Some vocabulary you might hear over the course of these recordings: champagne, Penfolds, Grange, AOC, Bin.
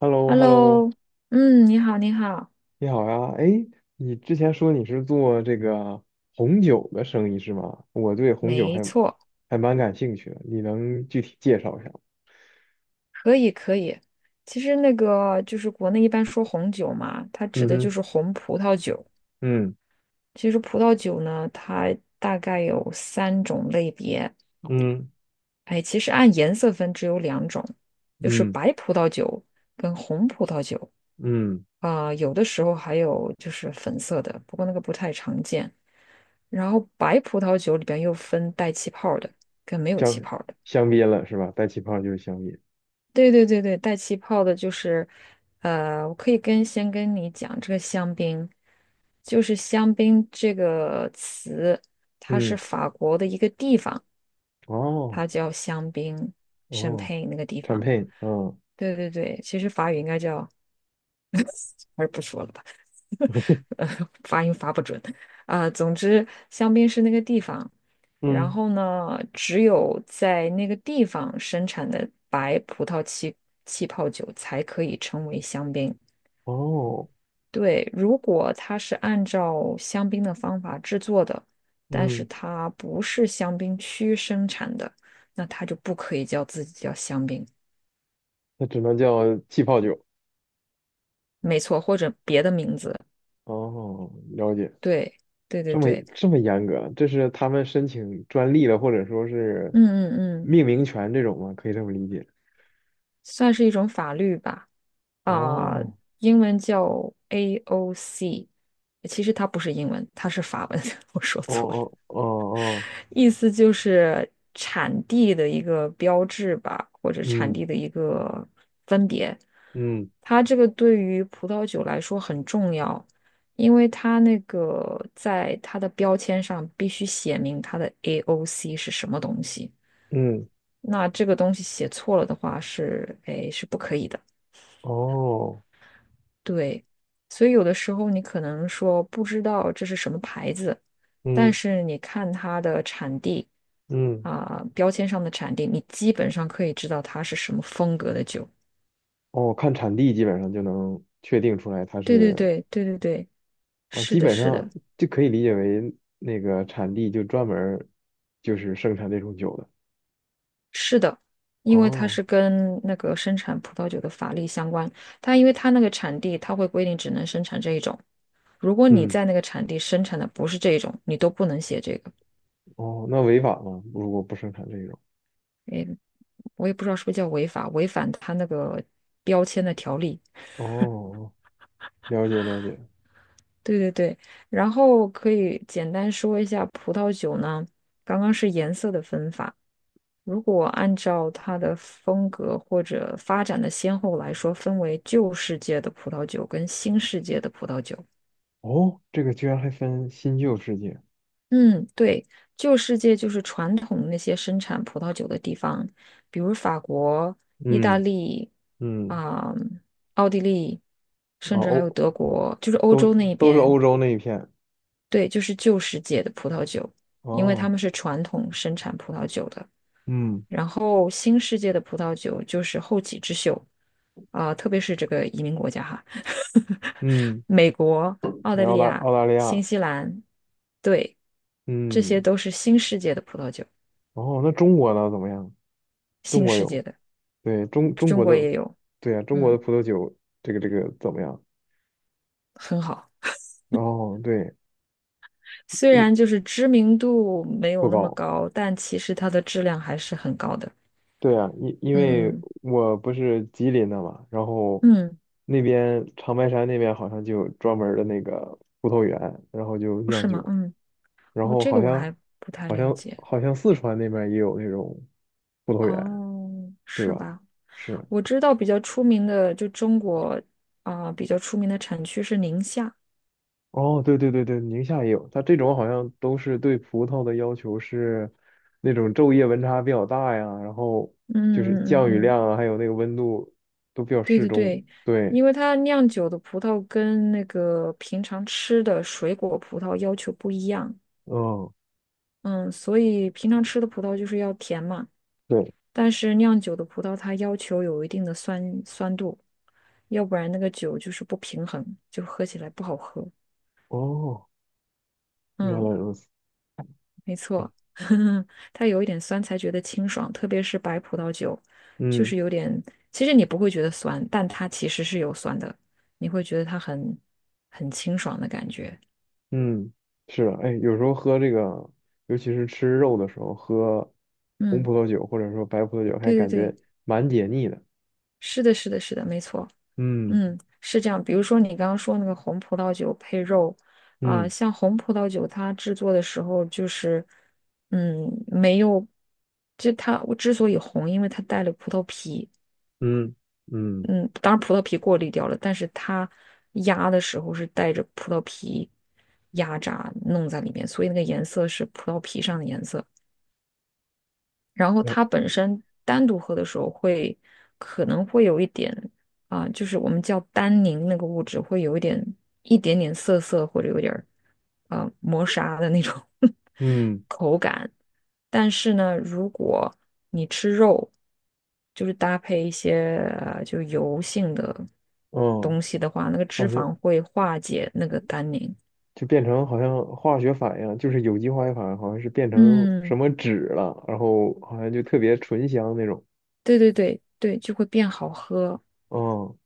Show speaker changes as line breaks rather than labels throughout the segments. h e l l o h e l l o
Hello，嗯，你好，你好，
你好呀。哎，你之前说你是做这个红酒的生意是吗？我对红酒
没
还
错，
还蛮感兴趣的，你能具体介绍一下吗？
可以，可以。其实那个就是国内一般说红酒嘛，它指
嗯
的就
哼，
是红葡萄酒。
嗯
其实葡萄酒呢，它大概有三种类别。
嗯
哎，其实按颜色分只有两种，就是
嗯
白葡萄酒跟红葡萄酒
嗯，
。有的时候还有就是粉色的，不过那个不太常见。然后白葡萄酒里边又分带气泡的跟没有气
香
泡的。
香槟了是吧？带气泡就是香槟。
对对对对，带气泡的，就是，我可以跟你讲这个香槟，就是香槟这个词，它是
嗯，
法国的一个地方，
哦
它叫香槟，n
哦
佩那个地方。
，champagne，嗯
对对对，其实法语应该叫，还是不说了吧，呃，发音发不准。总之，香槟是那个地方，然
嗯，
后呢，只有在那个地方生产的白葡萄气泡酒才可以称为香槟。
哦
对，如果它是按照香槟的方法制作的，但是
嗯，
它不是香槟区生产的，那它就不可以叫自己叫香槟，
那只能叫气泡酒。
没错，或者别的名字。
哦，了解。
对，对对
这么
对，
这么严格，这是他们申请专利了，或者说是
嗯嗯嗯，
命名权这种吗？可以这么理解。
算是一种法律吧。啊、
哦，
英文叫 AOC，其实它不是英文，它是法文，我说
哦
错了。
哦哦哦，
意思就是产地的一个标志吧，或者产
嗯
地的一个分别。
嗯
它这个对于葡萄酒来说很重要，因为它那个在它的标签上必须写明它的 AOC 是什么东西。
嗯，
那这个东西写错了的话是，哎，是不可以的。
哦，
对，所以有的时候你可能说不知道这是什么牌子，但
嗯
是你看它的产地
嗯，
，标签上的产地，你基本上可以知道它是什么风格的酒。
哦，看产地基本上就能确定出来它
对对
是，
对对对对，
哦，
是
基
的，
本
是的，
上就可以理解为那个产地就专门儿就是生产这种酒的。
是的，因为它
哦，
是跟那个生产葡萄酒的法律相关，因为它那个产地，它会规定只能生产这一种。如果你
嗯，
在那个产地生产的不是这一种，你都不能写这个。
哦，那违法吗？如果不生产这种？
诶，我也不知道是不是叫违法，违反它那个标签的条例。
哦，了解了解。
对对对，然后可以简单说一下葡萄酒呢，刚刚是颜色的分法，如果按照它的风格或者发展的先后来说，分为旧世界的葡萄酒跟新世界的葡萄酒。
哦，这个居然还分新旧世界。
嗯，对，旧世界就是传统那些生产葡萄酒的地方，比如法国、意大
嗯
利
嗯，
啊、奥地利，
啊
甚至还有
欧
德国，就是欧
都
洲那一
都是
边。
欧洲那一片。
对，就是旧世界的葡萄酒，因为他
哦，
们是传统生产葡萄酒的。
嗯
然后新世界的葡萄酒就是后起之秀，特别是这个移民国家哈，
嗯，
美国、澳大
澳
利
大
亚、
澳大利
新
亚，
西兰，对，这些
嗯，
都是新世界的葡萄酒，
哦，那中国呢？怎么样？中
新
国
世
有，
界的，
对中中
中
国的，
国也有，
对呀，中国
嗯，
的葡萄酒，这个怎么样？
很好。
哦，对，
虽然
一
就是知名度没有
不
那么
高，
高，但其实它的质量还是很高的。
对啊，因为
嗯
我不是吉林的嘛，然后
嗯嗯，
那边长白山那边好像就有专门儿的那个葡萄园，然后就
不
酿
是吗？
酒。
嗯，
然
哦，
后
这
好
个我
像
还不太
好
了
像
解。
好像四川那边儿也有那种葡萄园，
哦，
对
是
吧？
吧？
是，
我知道比较出名的，就中国，比较出名的产区是宁夏。
哦，对对对对，宁夏也有，它这种好像都是对葡萄的要求是那种昼夜温差比较大呀，然后
嗯
就是
嗯
降雨
嗯嗯，
量啊，还有那个温度都比较
对
适
对
中。
对，
对，
因为它酿酒的葡萄跟那个平常吃的水果葡萄要求不一样，
嗯，
嗯，所以平常吃的葡萄就是要甜嘛，
对，
但是酿酒的葡萄它要求有一定的酸度，要不然那个酒就是不平衡，就喝起来不好喝。
哦，原来
嗯。
如此，
没错，它有一点酸才觉得清爽，特别是白葡萄酒，就
嗯。
是有点，其实你不会觉得酸，但它其实是有酸的，你会觉得它很清爽的感觉。
嗯，是的，哎，有时候喝这个，尤其是吃肉的时候，喝红
嗯，
葡萄酒或者说白葡萄酒，还
对
感
对对，
觉蛮解腻的。
是的，是的，是的，没错，
嗯
嗯，是这样。比如说你刚刚说那个红葡萄酒配肉，
嗯
像红葡萄酒它制作的时候就是，嗯，没有，我之所以红，因为它带了葡萄皮。
嗯嗯，
嗯，当然葡萄皮过滤掉了，但是它压的时候是带着葡萄皮压榨弄在里面，所以那个颜色是葡萄皮上的颜色。然后
然
它本身单独喝的时候会可能会有一点，就是我们叫单宁那个物质会有一点点涩涩或者有点儿磨砂的那种
嗯
但是呢，如果你吃肉，就是搭配一些就油性的
嗯，
东西的话，那个脂
感觉
肪会化解那个单宁。
就变成好像化学反应，就是有机化学反应，好像是变成什
嗯，
么酯了，然后好像就特别醇香那种。
对对对对，就会变好喝。
嗯，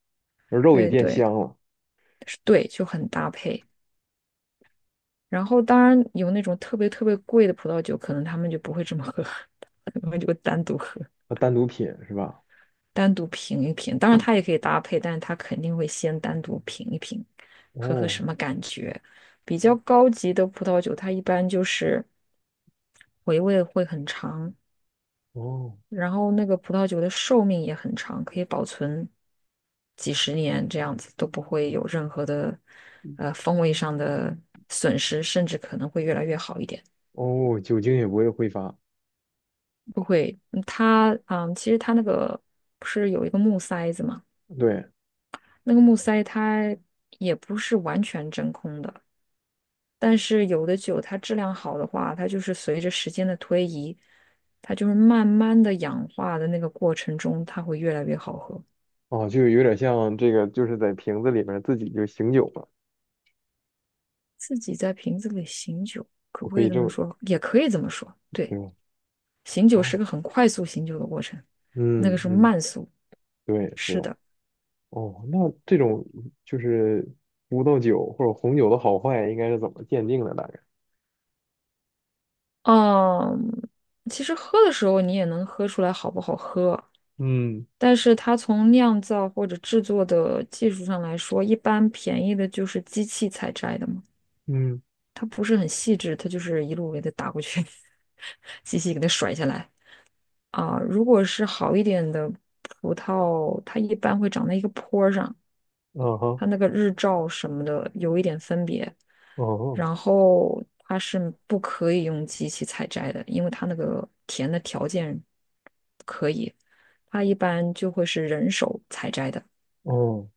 而肉也
对
变
对
香了，
是对，就很搭配。然后当然有那种特别特别贵的葡萄酒，可能他们就不会这么喝，他们就会单独喝。
单独品是吧？
单独品一品，当然它也可以搭配，但是它肯定会先单独品一品，喝喝
哦
什么感觉。比较高级的葡萄酒，它一般就是回味会很长，
哦
然后那个葡萄酒的寿命也很长，可以保存几十年这样子，都不会有任何的风味上的损失，甚至可能会越来越好一点。
哦，酒精也不会挥发。
不会，它，其实它那个不是有一个木塞子嘛？
对，
那个木塞它也不是完全真空的，但是有的酒它质量好的话，它就是随着时间的推移，它就是慢慢的氧化的那个过程中，它会越来越好喝。
哦，就有点像这个，就是在瓶子里面自己就醒酒了。
自己在瓶子里醒酒，可
我
不
可
可以
以
这
这
么
么，
说？也可以这么说。对，
对吧？
醒酒是
哦，
个很快速醒酒的过程，那个
嗯
是
嗯，
慢速。
对，是
是
吧？
的，
哦，那这种就是葡萄酒或者红酒的好坏，应该是怎么鉴定的？大概？
嗯，其实喝的时候你也能喝出来好不好喝。
嗯
但是它从酿造或者制作的技术上来说，一般便宜的就是机器采摘的嘛，
嗯，
它不是很细致，它就是一路给它打过去，机器给它甩下来。如果是好一点的葡萄，它一般会长在一个坡儿上，
啊哈，
它那个日照什么的有一点分别，
哦
然后它是不可以用机器采摘的，因为它那个田的条件不可以，它一般就会是人手采摘的。
哦，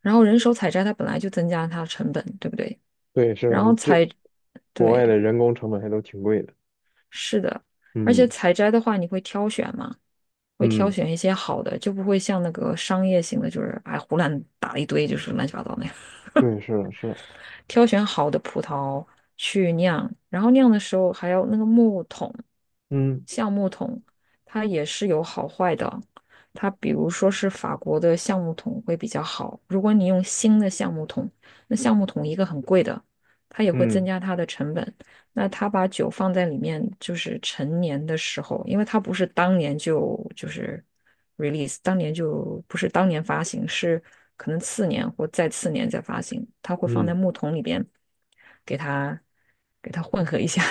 然后人手采摘它本来就增加了它的成本，对不对？
对，是
然
的，
后
这
采，
国外
对，
的人工成本还都挺贵的。
是的，而
嗯
且采摘的话你会挑选嘛，会挑
嗯，
选一些好的，就不会像那个商业型的，就是哎胡乱打了一堆，就是乱七八糟那样。
对，是的，是的，
挑选好的葡萄去酿，然后酿的时候还要那个木桶，
嗯
橡木桶，它也是有好坏的。它比如说是法国的橡木桶会比较好，如果你用新的橡木桶，那橡木桶一个很贵的，它也会增
嗯
加它的成本。那他把酒放在里面，就是陈年的时候，因为他不是当年就是 release，当年就不是当年发行，是可能次年或再次年再发行，他会放在
嗯
木桶里边，给他混合一下，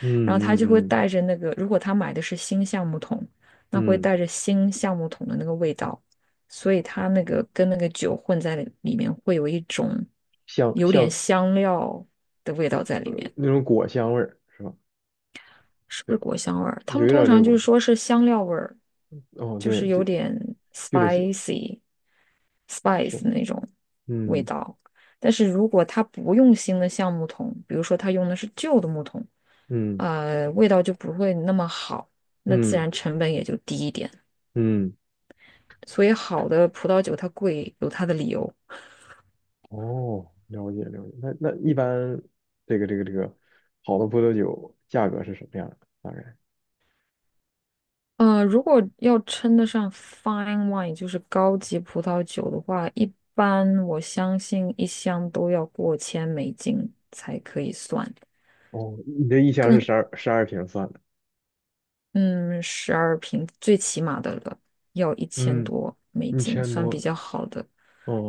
嗯
然后他就会
嗯嗯
带着那个，如果他买的是新橡木桶，那会
嗯，
带着新橡木桶的那个味道，所以它那个跟那个酒混在里面，会有一种
香
有点
香
香料的味道在里面。
那种果香味儿是吧？
是不是
对。
果香味儿？他
有
们
一点
通
儿个
常就
果
是
香。
说是香料味儿，
哦，
就
对，
是
就
有点
就这些，是，
spice 那种味
嗯
道。但是如果他不用新的橡木桶，比如说他用的是旧的木桶，
嗯
味道就不会那么好，那自
嗯
然成本也就低一点。
嗯，
所以好的葡萄酒它贵有它的理由。
哦，了解了解。那一般这个好的葡萄酒价格是什么样的？大概？
如果要称得上 fine wine，就是高级葡萄酒的话，一般我相信一箱都要过千美金才可以算，
哦，你这一箱是
更
十二瓶算的，
嗯，12瓶最起码的了，要一千
嗯，
多美
一
金
千
算比
多，
较好的，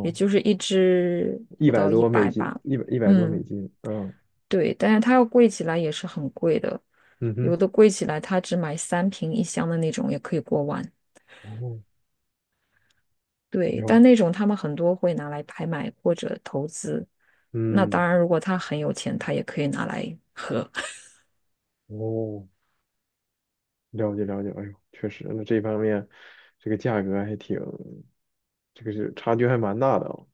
也就是一支
一
不
百
到一
多美
百
金，
吧。
一百多美
嗯，
金，嗯
对，但是它要贵起来也是很贵的，
嗯
有
哼，
的贵起来它只买三瓶一箱的那种也可以过万。
哦，
对，但
有，
那种他们很多会拿来拍卖或者投资。那
嗯，
当然，如果他很有钱，他也可以拿来 喝。
哦，了解了解，哎呦，确实，那这方面这个价格还挺。这个是差距还蛮大的啊。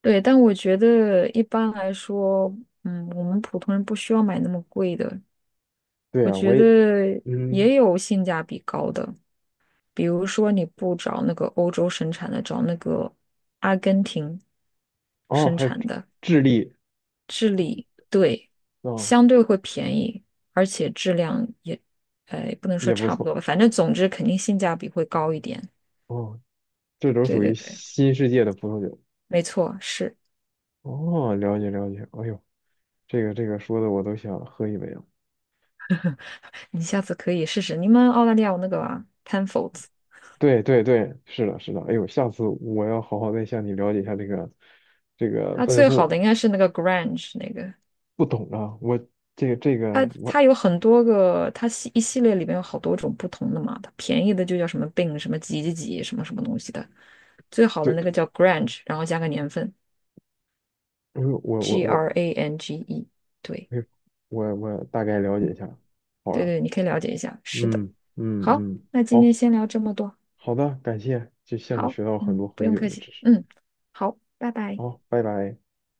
对，但我觉得一般来说，嗯，我们普通人不需要买那么贵的。
对
我
啊，我
觉
也，
得
嗯，
也有性价比高的，比如说你不找那个欧洲生产的，找那个阿根廷
哦，
生
还有
产
智
的。
智利，
治理，对，
哦，
相对会便宜，而且质量也，不能说
也不
差不
错，
多吧，反正总之肯定性价比会高一点。
哦，这都
对
属
对
于
对，
新世界的葡萄酒，
没错，是。
哦，了解了解，哎呦，这个说的我都想喝一杯了，
你下次可以试试，你们澳大利亚有那个Penfolds，
对对对，是的是的，哎呦，下次我要好好再向你了解一下这个
它
奔
最好的
赴，
应该是那个 Grange 那个，
不懂啊，我这个这个
它
我
它有很多个，它系列里面有好多种不同的嘛，它便宜的就叫什么 Bin 什么几几几什么什么东西的，最好的那
对，
个叫 Grange，然后加个年份
哎呦，我我
G
我，
R A N G E，对。
哎呦，我大概了解一下，好
对
啊，
对，你可以了解一下。是的，
嗯嗯
好，
嗯，
那今天
好，
先聊这么多。
好的，感谢，就向你
好，
学到很
嗯，
多
不
很
用
酒
客
的
气，
知识。
嗯，好，拜拜。
好，拜拜。